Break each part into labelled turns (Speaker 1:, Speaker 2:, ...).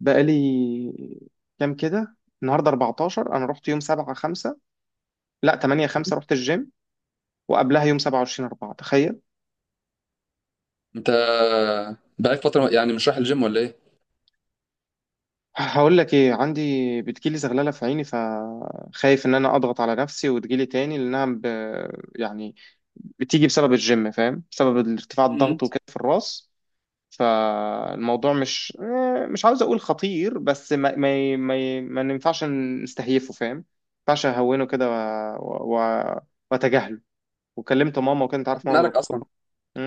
Speaker 1: بقالي كام كده، النهارده 14. انا رحت يوم 7 5، لا 8 5، رحت الجيم. وقبلها يوم 27 4، تخيل.
Speaker 2: انت بقالك فترة يعني مش رايح الجيم ولا ايه؟
Speaker 1: هقول لك ايه عندي. بتجيلي زغلله في عيني، فخايف ان انا اضغط على نفسي وتجيلي تاني. يعني بتيجي بسبب الجيم، فاهم، بسبب ارتفاع
Speaker 2: مم.
Speaker 1: الضغط وكده في الراس. فالموضوع مش مش عاوز اقول خطير، بس ما ينفعش نستهيفه، فاهم، ما ينفعش اهونه كده. و... و... واتجاهله. وكلمت ماما، وكانت عارف
Speaker 2: اصلا
Speaker 1: ماما
Speaker 2: مالك اصلا؟
Speaker 1: دكتور.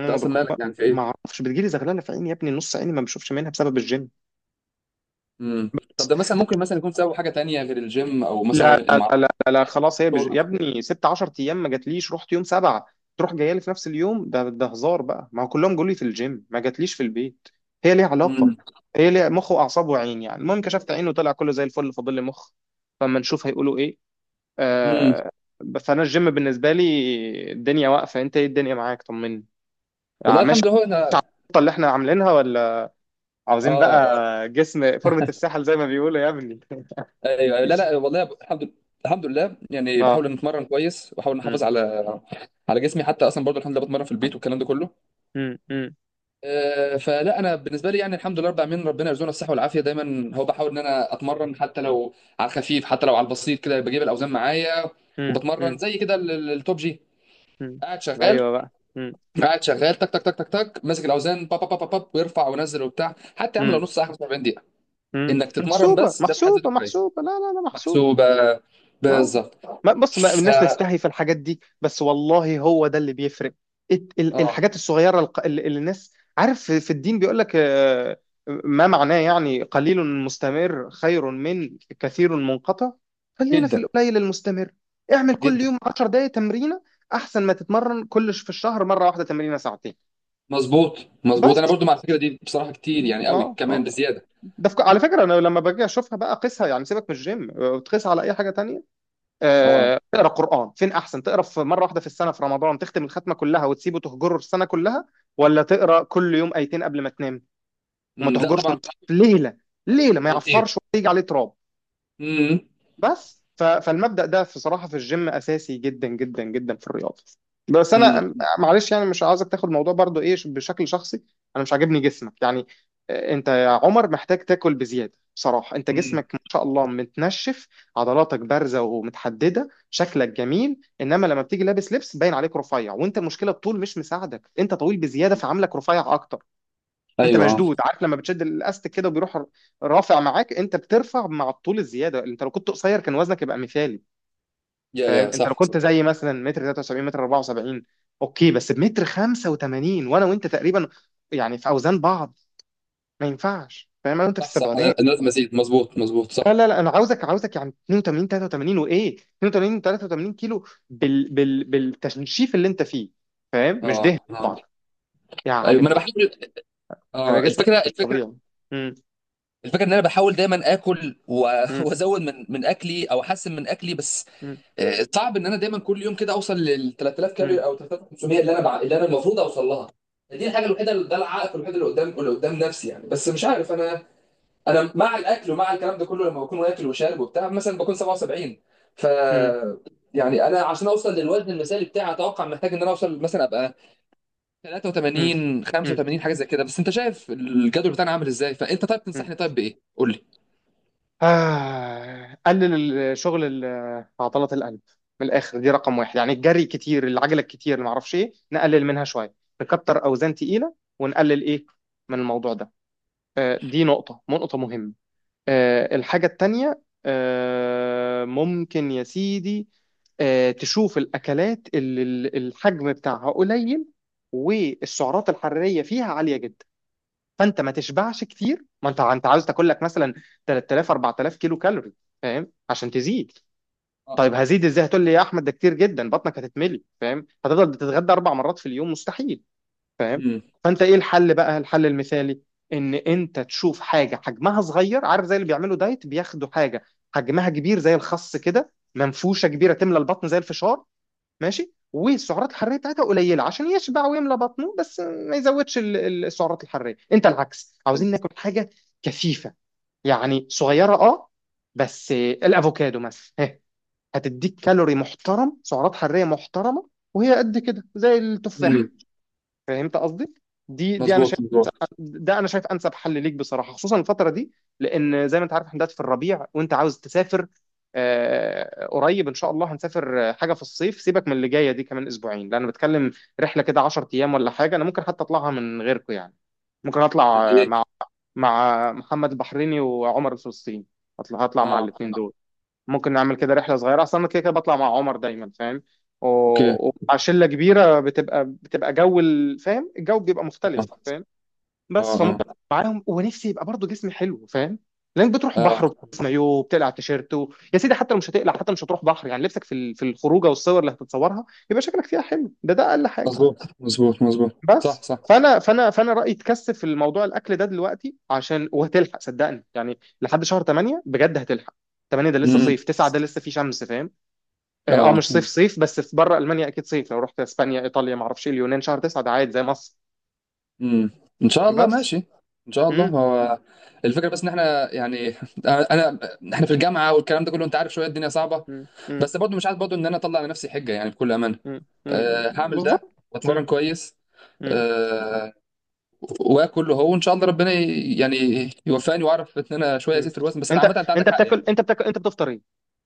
Speaker 2: انت اصلا
Speaker 1: دكتور، ما
Speaker 2: مالك يعني في ايه؟
Speaker 1: ما اعرفش، بتجيلي زغلله في عيني، يا ابني نص عيني ما بشوفش منها بسبب الجيم.
Speaker 2: امم. طب ده مثلا ممكن مثلا يكون سبب حاجة تانية غير الجيم او
Speaker 1: لا
Speaker 2: مثلا
Speaker 1: لا
Speaker 2: ما
Speaker 1: لا
Speaker 2: اعرفش.
Speaker 1: لا، لا، لا،
Speaker 2: اكل،
Speaker 1: خلاص. يا
Speaker 2: شرب.
Speaker 1: ابني ست 10 ايام ما جاتليش، رحت يوم 7 تروح جايه لي في نفس اليوم. ده هزار بقى، ما هو كلهم جولي في الجيم، ما جاتليش في البيت. هي ليها علاقه.
Speaker 2: امم،
Speaker 1: هي ليها مخ واعصاب وعين، يعني المهم كشفت عينه وطلع كله زي الفل، فاضل لي مخ. فما نشوف هيقولوا ايه
Speaker 2: امم.
Speaker 1: آه... فانا الجيم بالنسبه لي الدنيا واقفه. انت ايه الدنيا معاك، طمني.
Speaker 2: والله
Speaker 1: ماشي،
Speaker 2: الحمد لله. انا
Speaker 1: الخطه اللي احنا عاملينها ولا عاوزين
Speaker 2: اه اه
Speaker 1: بقى جسم فورمة الساحل زي ما بيقولوا يا ابني.
Speaker 2: ايوه، أيوة. لا، والله الحمد لله. الحمد لله. يعني
Speaker 1: اه.
Speaker 2: بحاول ان اتمرن كويس، بحاول ان احافظ
Speaker 1: مم.
Speaker 2: على جسمي، حتى اصلا برضه الحمد لله بتمرن في البيت والكلام ده كله.
Speaker 1: مم. مم.
Speaker 2: فلا انا بالنسبه لي يعني الحمد لله رب العالمين، ربنا يرزقنا الصحه والعافيه دايما. هو بحاول ان انا اتمرن حتى لو على الخفيف، حتى لو على البسيط كده، بجيب الاوزان معايا
Speaker 1: مم.
Speaker 2: وبتمرن
Speaker 1: مم.
Speaker 2: زي كده التوب جي
Speaker 1: مم.
Speaker 2: قاعد شغال.
Speaker 1: ايوه بقى. مم.
Speaker 2: قاعد شغال تك تك تك تك تك، ماسك الاوزان با با با با با، ويرفع وينزل وبتاع، حتى يعمل لو
Speaker 1: مم.
Speaker 2: نص ساعه 45 دقيقه
Speaker 1: مم.
Speaker 2: انك تتمرن،
Speaker 1: محسوبة
Speaker 2: بس ده في حد ذاته
Speaker 1: محسوبة
Speaker 2: كويس.
Speaker 1: محسوبة، لا لا لا، محسوبة.
Speaker 2: محسوبه،
Speaker 1: اه،
Speaker 2: بالظبط.
Speaker 1: ما بص، ما
Speaker 2: ف-
Speaker 1: الناس تستحي في الحاجات دي، بس والله هو ده اللي بيفرق.
Speaker 2: اه،
Speaker 1: الحاجات الصغيره، اللي الناس، عارف، في الدين بيقول لك ما معناه، يعني قليل مستمر خير من كثير منقطع. خلينا في
Speaker 2: جدا
Speaker 1: القليل المستمر. اعمل كل
Speaker 2: جدا.
Speaker 1: يوم 10 دقائق تمرينه، احسن ما تتمرن كل في الشهر مره واحده تمرينه ساعتين
Speaker 2: مظبوط، مظبوط. انا
Speaker 1: بس.
Speaker 2: برضو مع الفكره دي بصراحه، كتير
Speaker 1: اه
Speaker 2: يعني قوي
Speaker 1: اه
Speaker 2: كمان،
Speaker 1: آه.
Speaker 2: بزياده.
Speaker 1: على فكره، انا لما باجي اشوفها بقى قيسها، يعني سيبك من الجيم، تقيسها على اي حاجه تانية.
Speaker 2: اه.
Speaker 1: تقرا قران فين احسن، تقرا في مره واحده في السنه في رمضان تختم الختمه كلها وتسيبه تهجره السنه كلها، ولا تقرا كل يوم ايتين قبل ما تنام وما
Speaker 2: م، لا
Speaker 1: تهجرش النص؟
Speaker 2: طبعا.
Speaker 1: في ليله، ليله ما
Speaker 2: بصراحة،
Speaker 1: يعفرش ولا يجي عليه تراب.
Speaker 2: امم،
Speaker 1: بس، فالمبدأ ده في صراحة في الجيم أساسي جدا جدا جدا في الرياضة. بس
Speaker 2: امم،
Speaker 1: أنا، معلش، يعني مش عايزك تاخد الموضوع برضو إيه بشكل شخصي. أنا مش عاجبني جسمك يعني. أنت يا عمر محتاج تاكل بزيادة، بصراحة أنت
Speaker 2: امم.
Speaker 1: جسمك ما شاء الله متنشف، عضلاتك بارزة ومتحددة، شكلك جميل. إنما لما بتيجي لابس لبس باين عليك رفيع، وأنت المشكلة الطول مش مساعدك، أنت طويل بزيادة فعاملك رفيع أكتر. انت
Speaker 2: ايوه، آه.
Speaker 1: مشدود، عارف لما بتشد الاستك كده وبيروح، رافع معاك، انت بترفع مع الطول الزياده. انت لو كنت قصير كان وزنك يبقى مثالي،
Speaker 2: يا
Speaker 1: فاهم.
Speaker 2: يا،
Speaker 1: انت لو
Speaker 2: صح
Speaker 1: كنت
Speaker 2: صح.
Speaker 1: زي مثلا متر 73 متر 74 اوكي، بس بمتر 85، وانا وانت تقريبا يعني في اوزان بعض، ما ينفعش، فاهم. انا وانت في
Speaker 2: صح صح، انا
Speaker 1: السبعينات،
Speaker 2: أنا لازم ازيد، مظبوط مظبوط،
Speaker 1: لا
Speaker 2: صح.
Speaker 1: لا لا، انا عاوزك عاوزك يعني 82 83، وايه 82 83 كيلو بال بال بالتنشيف اللي انت فيه، فاهم، مش
Speaker 2: اه
Speaker 1: دهن
Speaker 2: اه،
Speaker 1: طبعا
Speaker 2: ايوه
Speaker 1: يعني،
Speaker 2: ما انا
Speaker 1: بجد
Speaker 2: بحاول.
Speaker 1: هيبقى
Speaker 2: اه،
Speaker 1: جسمك
Speaker 2: الفكره
Speaker 1: مش
Speaker 2: الفكره
Speaker 1: طبيعي. امم
Speaker 2: الفكره ان انا بحاول دايما اكل وازود من اكلي او احسن من اكلي، بس
Speaker 1: امم
Speaker 2: صعب ان انا دايما كل يوم كده اوصل لل 3000 كالوري او 3500، اللي انا اللي انا المفروض اوصل لها. دي الحاجه ده العائق الوحيد اللي قدام نفسي يعني، بس مش عارف. انا مع الاكل ومع الكلام ده كله، لما بكون واكل وشارب وبتاع مثلا بكون 77. ف
Speaker 1: امم
Speaker 2: يعني انا عشان اوصل للوزن المثالي بتاعي، اتوقع محتاج ان انا اوصل مثلا ابقى
Speaker 1: مم.
Speaker 2: 83
Speaker 1: مم.
Speaker 2: 85، حاجه زي كده. بس انت شايف الجدول بتاعنا عامل ازاي، فانت طيب
Speaker 1: مم.
Speaker 2: تنصحني طيب بايه، قول لي.
Speaker 1: قلل الشغل عضلة القلب، من الآخر، دي رقم واحد. يعني الجري كتير، العجلة الكتير، اللي معرفش إيه، نقلل منها شوية، نكتر أوزان تقيلة ونقلل إيه من الموضوع ده. دي نقطة مهمة. الحاجة التانية، ممكن يا سيدي، تشوف الأكلات اللي الحجم بتاعها قليل والسعرات الحرارية فيها عالية جدا. فانت ما تشبعش كتير، ما انت عاوز تاكل لك مثلا 3000 4000 كيلو كالوري، فاهم، عشان تزيد.
Speaker 2: اه،
Speaker 1: طيب هزيد ازاي هتقول لي، يا احمد ده كتير جدا، بطنك هتتملي، فاهم، هتفضل تتغدى 4 مرات في اليوم، مستحيل، فاهم.
Speaker 2: امم،
Speaker 1: فانت ايه الحل بقى، الحل المثالي ان انت تشوف حاجه حجمها صغير، عارف زي اللي بيعملوا دايت بياخدوا حاجه حجمها كبير زي الخس كده، منفوشه كبيره تملى البطن زي الفشار، ماشي، والسعرات الحراريه بتاعتها قليله عشان يشبع ويملى بطنه بس ما يزودش السعرات الحراريه. انت العكس، عاوزين ناكل حاجه كثيفه يعني صغيره، اه، بس، الافوكادو مثلا، هتديك كالوري محترم، سعرات حراريه محترمه، وهي قد كده زي
Speaker 2: امم.
Speaker 1: التفاح. فهمت قصدي. دي انا،
Speaker 2: مظبوط، مظبوط.
Speaker 1: ده انا شايف انسب حل ليك بصراحه خصوصا الفتره دي، لان زي ما انت عارف احنا دلوقتي في الربيع وانت عاوز تسافر. قريب ان شاء الله هنسافر حاجه في الصيف. سيبك من اللي جايه دي كمان اسبوعين، لان انا بتكلم رحله كده 10 ايام ولا حاجه، انا ممكن حتى اطلعها من غيركم يعني. ممكن اطلع
Speaker 2: الايه؟
Speaker 1: مع محمد البحريني وعمر الفلسطيني، هطلع مع
Speaker 2: اه،
Speaker 1: الاثنين دول. ممكن نعمل كده رحله صغيره، اصلا انا كده كده بطلع مع عمر دايما، فاهم،
Speaker 2: اوكي.
Speaker 1: ومع شله كبيره بتبقى جو فاهم، الجو بيبقى مختلف، فاهم. بس
Speaker 2: اه
Speaker 1: فممكن
Speaker 2: اه
Speaker 1: معاهم، ونفسي يبقى برضه جسمي حلو، فاهم، لانك بتروح
Speaker 2: اه.
Speaker 1: بحر وبتلبس مايو وبتقلع على التيشيرت. يا سيدي حتى لو مش هتقلع، حتى مش هتروح بحر يعني، لبسك في في الخروجه والصور اللي هتتصورها يبقى شكلك فيها حلو، ده اقل حاجه.
Speaker 2: مظبوط مظبوط مظبوط، صح
Speaker 1: بس
Speaker 2: صح.
Speaker 1: فانا رايي تكثف في الموضوع الاكل ده دلوقتي، عشان وهتلحق، صدقني يعني لحد شهر 8 بجد هتلحق. 8 ده لسه
Speaker 2: امم،
Speaker 1: صيف، 9 ده لسه فيه شمس، فاهم.
Speaker 2: اه،
Speaker 1: مش صيف صيف، بس في بره المانيا اكيد صيف، لو رحت اسبانيا ايطاليا ما اعرفش إيه، اليونان، شهر 9 ده عادي زي مصر.
Speaker 2: امم. ان شاء الله،
Speaker 1: بس.
Speaker 2: ماشي. ان شاء الله. هو الفكره بس ان احنا يعني انا، احنا في الجامعه والكلام ده كله، انت عارف، شويه الدنيا صعبه.
Speaker 1: امم.
Speaker 2: بس برضو مش عايز برضو ان انا اطلع على نفسي حجه يعني، بكل امانه.
Speaker 1: مم. مم.
Speaker 2: أه، هعمل ده
Speaker 1: بالظبط.
Speaker 2: واتمرن
Speaker 1: مم.
Speaker 2: كويس.
Speaker 1: مم.
Speaker 2: أه، واكل. هو وان شاء الله ربنا يعني يوفقني، واعرف ان انا شويه
Speaker 1: مم.
Speaker 2: ازيد في الوزن. بس
Speaker 1: انت
Speaker 2: عامه انت
Speaker 1: انت
Speaker 2: عندك حق يعني.
Speaker 1: بتاكل انت بتاكل انت بتفطر ايه؟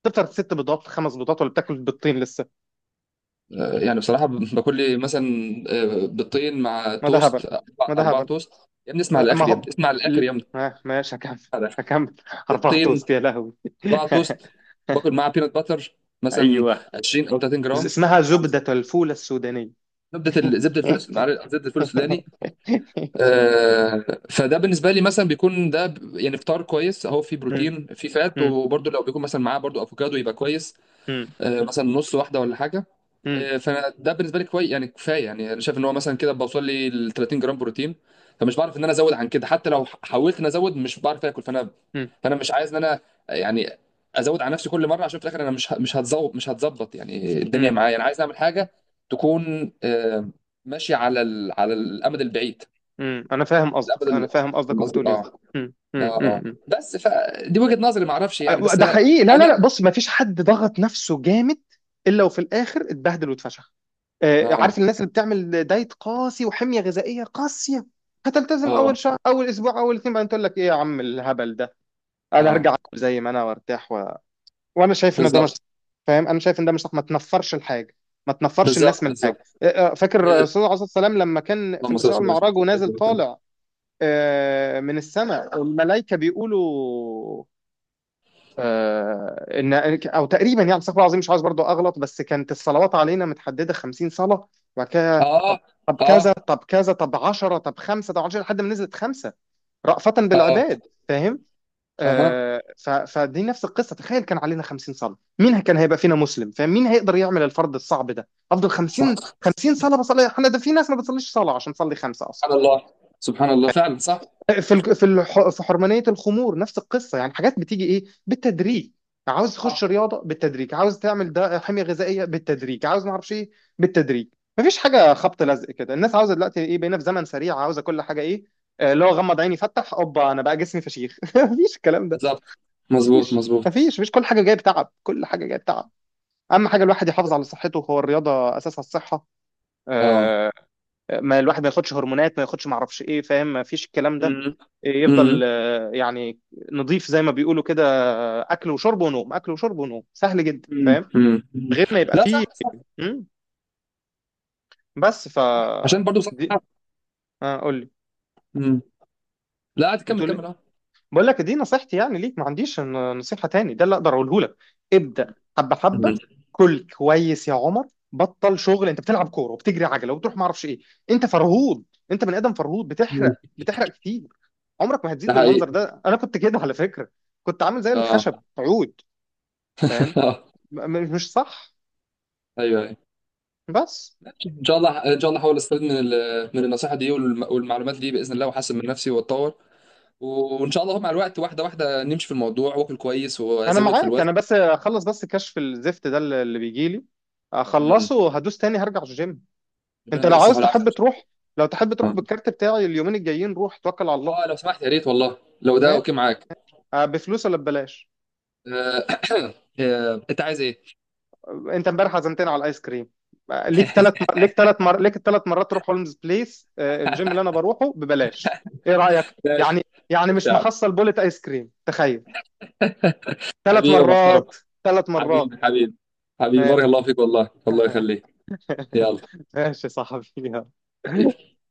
Speaker 1: بتفطر 6 بيضات، 5 بيضات، ولا بتاكل بيضتين لسه؟
Speaker 2: أه، يعني بصراحه، باكل لي مثلا بيضتين مع
Speaker 1: ما ده هبل،
Speaker 2: توست،
Speaker 1: ما ده
Speaker 2: أربعة
Speaker 1: هبل.
Speaker 2: توست. يا ابني اسمع
Speaker 1: ما
Speaker 2: للاخر، يا
Speaker 1: هو،
Speaker 2: ابني اسمع
Speaker 1: ل-
Speaker 2: للاخر، يا ابني
Speaker 1: ماشي هكمل
Speaker 2: اسمع للآخر.
Speaker 1: هكمل اربعة
Speaker 2: بيضتين،
Speaker 1: توست يا لهوي.
Speaker 2: صباع توست، باكل معاه بينات باتر مثلا
Speaker 1: ايوه.
Speaker 2: 20 او 30 جرام.
Speaker 1: اسمها زبدة الفول السودانية.
Speaker 2: زبده الفول، معلش، زبده الفول السوداني. فده بالنسبه لي مثلا بيكون ده يعني فطار كويس، اهو فيه
Speaker 1: مم.
Speaker 2: بروتين فيه فات،
Speaker 1: مم.
Speaker 2: وبرده لو بيكون مثلا معاه برده افوكادو يبقى كويس،
Speaker 1: مم.
Speaker 2: مثلا نص واحده ولا حاجه.
Speaker 1: مم.
Speaker 2: فانا ده بالنسبه لي كويس يعني، كفايه يعني. انا شايف ان هو مثلا كده بوصل لي ل 30 جرام بروتين، فمش بعرف ان انا ازود عن كده. حتى لو حاولت ان ازود مش بعرف اكل. فانا مش عايز ان انا يعني ازود على نفسي كل مره، عشان في الاخر انا مش هتظبط، مش هتظبط يعني الدنيا
Speaker 1: مم.
Speaker 2: معايا. انا عايز اعمل حاجه تكون ماشيه على على الامد البعيد.
Speaker 1: مم. انا فاهم
Speaker 2: الامد
Speaker 1: قصدك، انا فاهم قصدك، وبتقول ايه.
Speaker 2: اه
Speaker 1: مم. مم.
Speaker 2: اه اه.
Speaker 1: مم.
Speaker 2: بس فدي وجهه نظري، ما اعرفش يعني، بس
Speaker 1: ده
Speaker 2: انا
Speaker 1: حقيقي، لا لا لا،
Speaker 2: انا
Speaker 1: بص، ما فيش حد ضغط نفسه جامد الا وفي الاخر اتبهدل واتفشخ.
Speaker 2: اه
Speaker 1: عارف الناس اللي بتعمل دايت قاسي وحميه غذائيه قاسيه، هتلتزم اول
Speaker 2: اه
Speaker 1: شهر، اول اسبوع، اول اتنين، بعدين تقول لك ايه يا عم الهبل ده، انا
Speaker 2: اه.
Speaker 1: هرجع اكل زي ما انا وارتاح. وانا شايف ان ده مش
Speaker 2: بالظبط،
Speaker 1: صح، فاهم. انا شايف ان ده مش صح، ما تنفرش الحاجه، ما تنفرش الناس
Speaker 2: بالظبط،
Speaker 1: من الحاجه.
Speaker 2: بالظبط.
Speaker 1: آه، فاكر الرسول عليه الصلاه والسلام لما كان في
Speaker 2: اللهم صل
Speaker 1: الاسراء
Speaker 2: وسلم على
Speaker 1: والمعراج
Speaker 2: سيدنا
Speaker 1: ونازل
Speaker 2: محمد.
Speaker 1: طالع من السماء، الملائكه بيقولوا ان، او تقريبا يعني، استغفر الله العظيم مش عايز برضو اغلط، بس كانت الصلوات علينا متحدده 50 صلاه، وبعد كده طب،
Speaker 2: اه
Speaker 1: طب كذا،
Speaker 2: اه
Speaker 1: طب كذا، طب 10، طب 5، طب 10، لحد ما نزلت 5، رأفة
Speaker 2: اه.
Speaker 1: بالعباد، فاهم.
Speaker 2: اها،
Speaker 1: فدي نفس القصه، تخيل كان علينا 50 صلاه، مين كان هيبقى فينا مسلم، فاهم، مين هيقدر يعمل الفرض الصعب ده. افضل
Speaker 2: صح.
Speaker 1: 50 صلاه بصلي احنا، ده في ناس ما بتصليش صلاه عشان تصلي 5 اصلا.
Speaker 2: سبحان الله. سبحان الله فعلا، صح،
Speaker 1: في في حرمانيه الخمور نفس القصه، يعني حاجات بتيجي ايه، بالتدريج. عاوز
Speaker 2: صح.
Speaker 1: تخش رياضه بالتدريج، عاوز تعمل ده حميه غذائيه بالتدريج، عاوز ما اعرفش ايه بالتدريج. مفيش حاجه خبط لزق كده، الناس عاوزه دلوقتي ايه، بقينا في زمن سريع، عاوزه كل حاجه ايه، اللي هو غمض عيني فتح اوبا انا بقى جسمي فشيخ. مفيش الكلام ده.
Speaker 2: بالظبط. مظبوط
Speaker 1: مفيش
Speaker 2: مظبوط.
Speaker 1: مفيش مفيش، كل حاجه جايه بتعب، كل حاجه جايه بتعب. اهم حاجه الواحد يحافظ على صحته، هو الرياضه اساسها الصحه.
Speaker 2: اه،
Speaker 1: آه، ما الواحد ما ياخدش هرمونات، ما ياخدش ما اعرفش ايه، فاهم، مفيش الكلام ده.
Speaker 2: امم،
Speaker 1: يفضل
Speaker 2: امم،
Speaker 1: يعني نضيف زي ما بيقولوا كده، اكل وشرب ونوم، اكل وشرب ونوم، سهل جدا،
Speaker 2: امم،
Speaker 1: فاهم،
Speaker 2: أمم.
Speaker 1: غير ما يبقى
Speaker 2: لا،
Speaker 1: فيه.
Speaker 2: صح صح.
Speaker 1: مم. بس
Speaker 2: عشان برضو صح.
Speaker 1: دي، قول لي.
Speaker 2: امم. لا عادي، كمل،
Speaker 1: بتقول لي،
Speaker 2: كمل، اه.
Speaker 1: بقول لك دي نصيحتي يعني ليك، ما عنديش نصيحة تاني، ده اللي اقدر اقوله لك. ابدأ حبة
Speaker 2: أمم،
Speaker 1: حبة، كل كويس يا عمر، بطل شغل انت بتلعب كورة وبتجري عجلة وبتروح ما اعرفش ايه، انت فرهود، انت بني ادم فرهود،
Speaker 2: أمم.
Speaker 1: بتحرق بتحرق كتير، عمرك ما هتزيد
Speaker 2: ده
Speaker 1: بالمنظر
Speaker 2: حقيقي.
Speaker 1: ده. انا كنت كده على فكرة، كنت عامل زي
Speaker 2: اه.
Speaker 1: الخشب عود، فاهم، مش صح.
Speaker 2: ايوه، ايوه.
Speaker 1: بس
Speaker 2: ان شاء الله، ان شاء الله هحاول استفيد من من النصيحه دي والمعلومات دي باذن الله، واحسن من نفسي واتطور. وان شاء الله مع الوقت واحده واحده نمشي في الموضوع، واكل كويس
Speaker 1: انا
Speaker 2: وازود في
Speaker 1: معاك،
Speaker 2: الوزن.
Speaker 1: انا بس اخلص بس كشف الزفت ده اللي بيجي لي،
Speaker 2: امم.
Speaker 1: اخلصه هدوس تاني هرجع الجيم.
Speaker 2: ربنا
Speaker 1: انت
Speaker 2: يديك
Speaker 1: لو
Speaker 2: الصحه
Speaker 1: عاوز
Speaker 2: والعافيه
Speaker 1: تحب
Speaker 2: إن شاء
Speaker 1: تروح، لو تحب تروح
Speaker 2: الله.
Speaker 1: بالكارت بتاعي اليومين الجايين، روح توكل على الله.
Speaker 2: اه لو سمحت، يا ريت والله، لو ده
Speaker 1: ما
Speaker 2: اوكي معاك.
Speaker 1: بفلوس ولا ببلاش؟
Speaker 2: آه، انت عايز ايه؟
Speaker 1: انت امبارح عزمتني على الايس كريم. ليك 3 مرات تروح هولمز بليس، الجيم اللي انا بروحه ببلاش. ايه رأيك يعني
Speaker 2: ماشي.
Speaker 1: يعني
Speaker 2: ماشي
Speaker 1: مش
Speaker 2: يا عم.
Speaker 1: محصل بولة ايس كريم، تخيل. ثلاث
Speaker 2: حبيبي يا محترم.
Speaker 1: مرات 3 مرات.
Speaker 2: حبيبي، حبيبي. حبيبي،
Speaker 1: آه،
Speaker 2: بارك الله فيك والله، الله يخليك. يلا،
Speaker 1: ماشي يا صاحبي، يلا.
Speaker 2: حبيبي.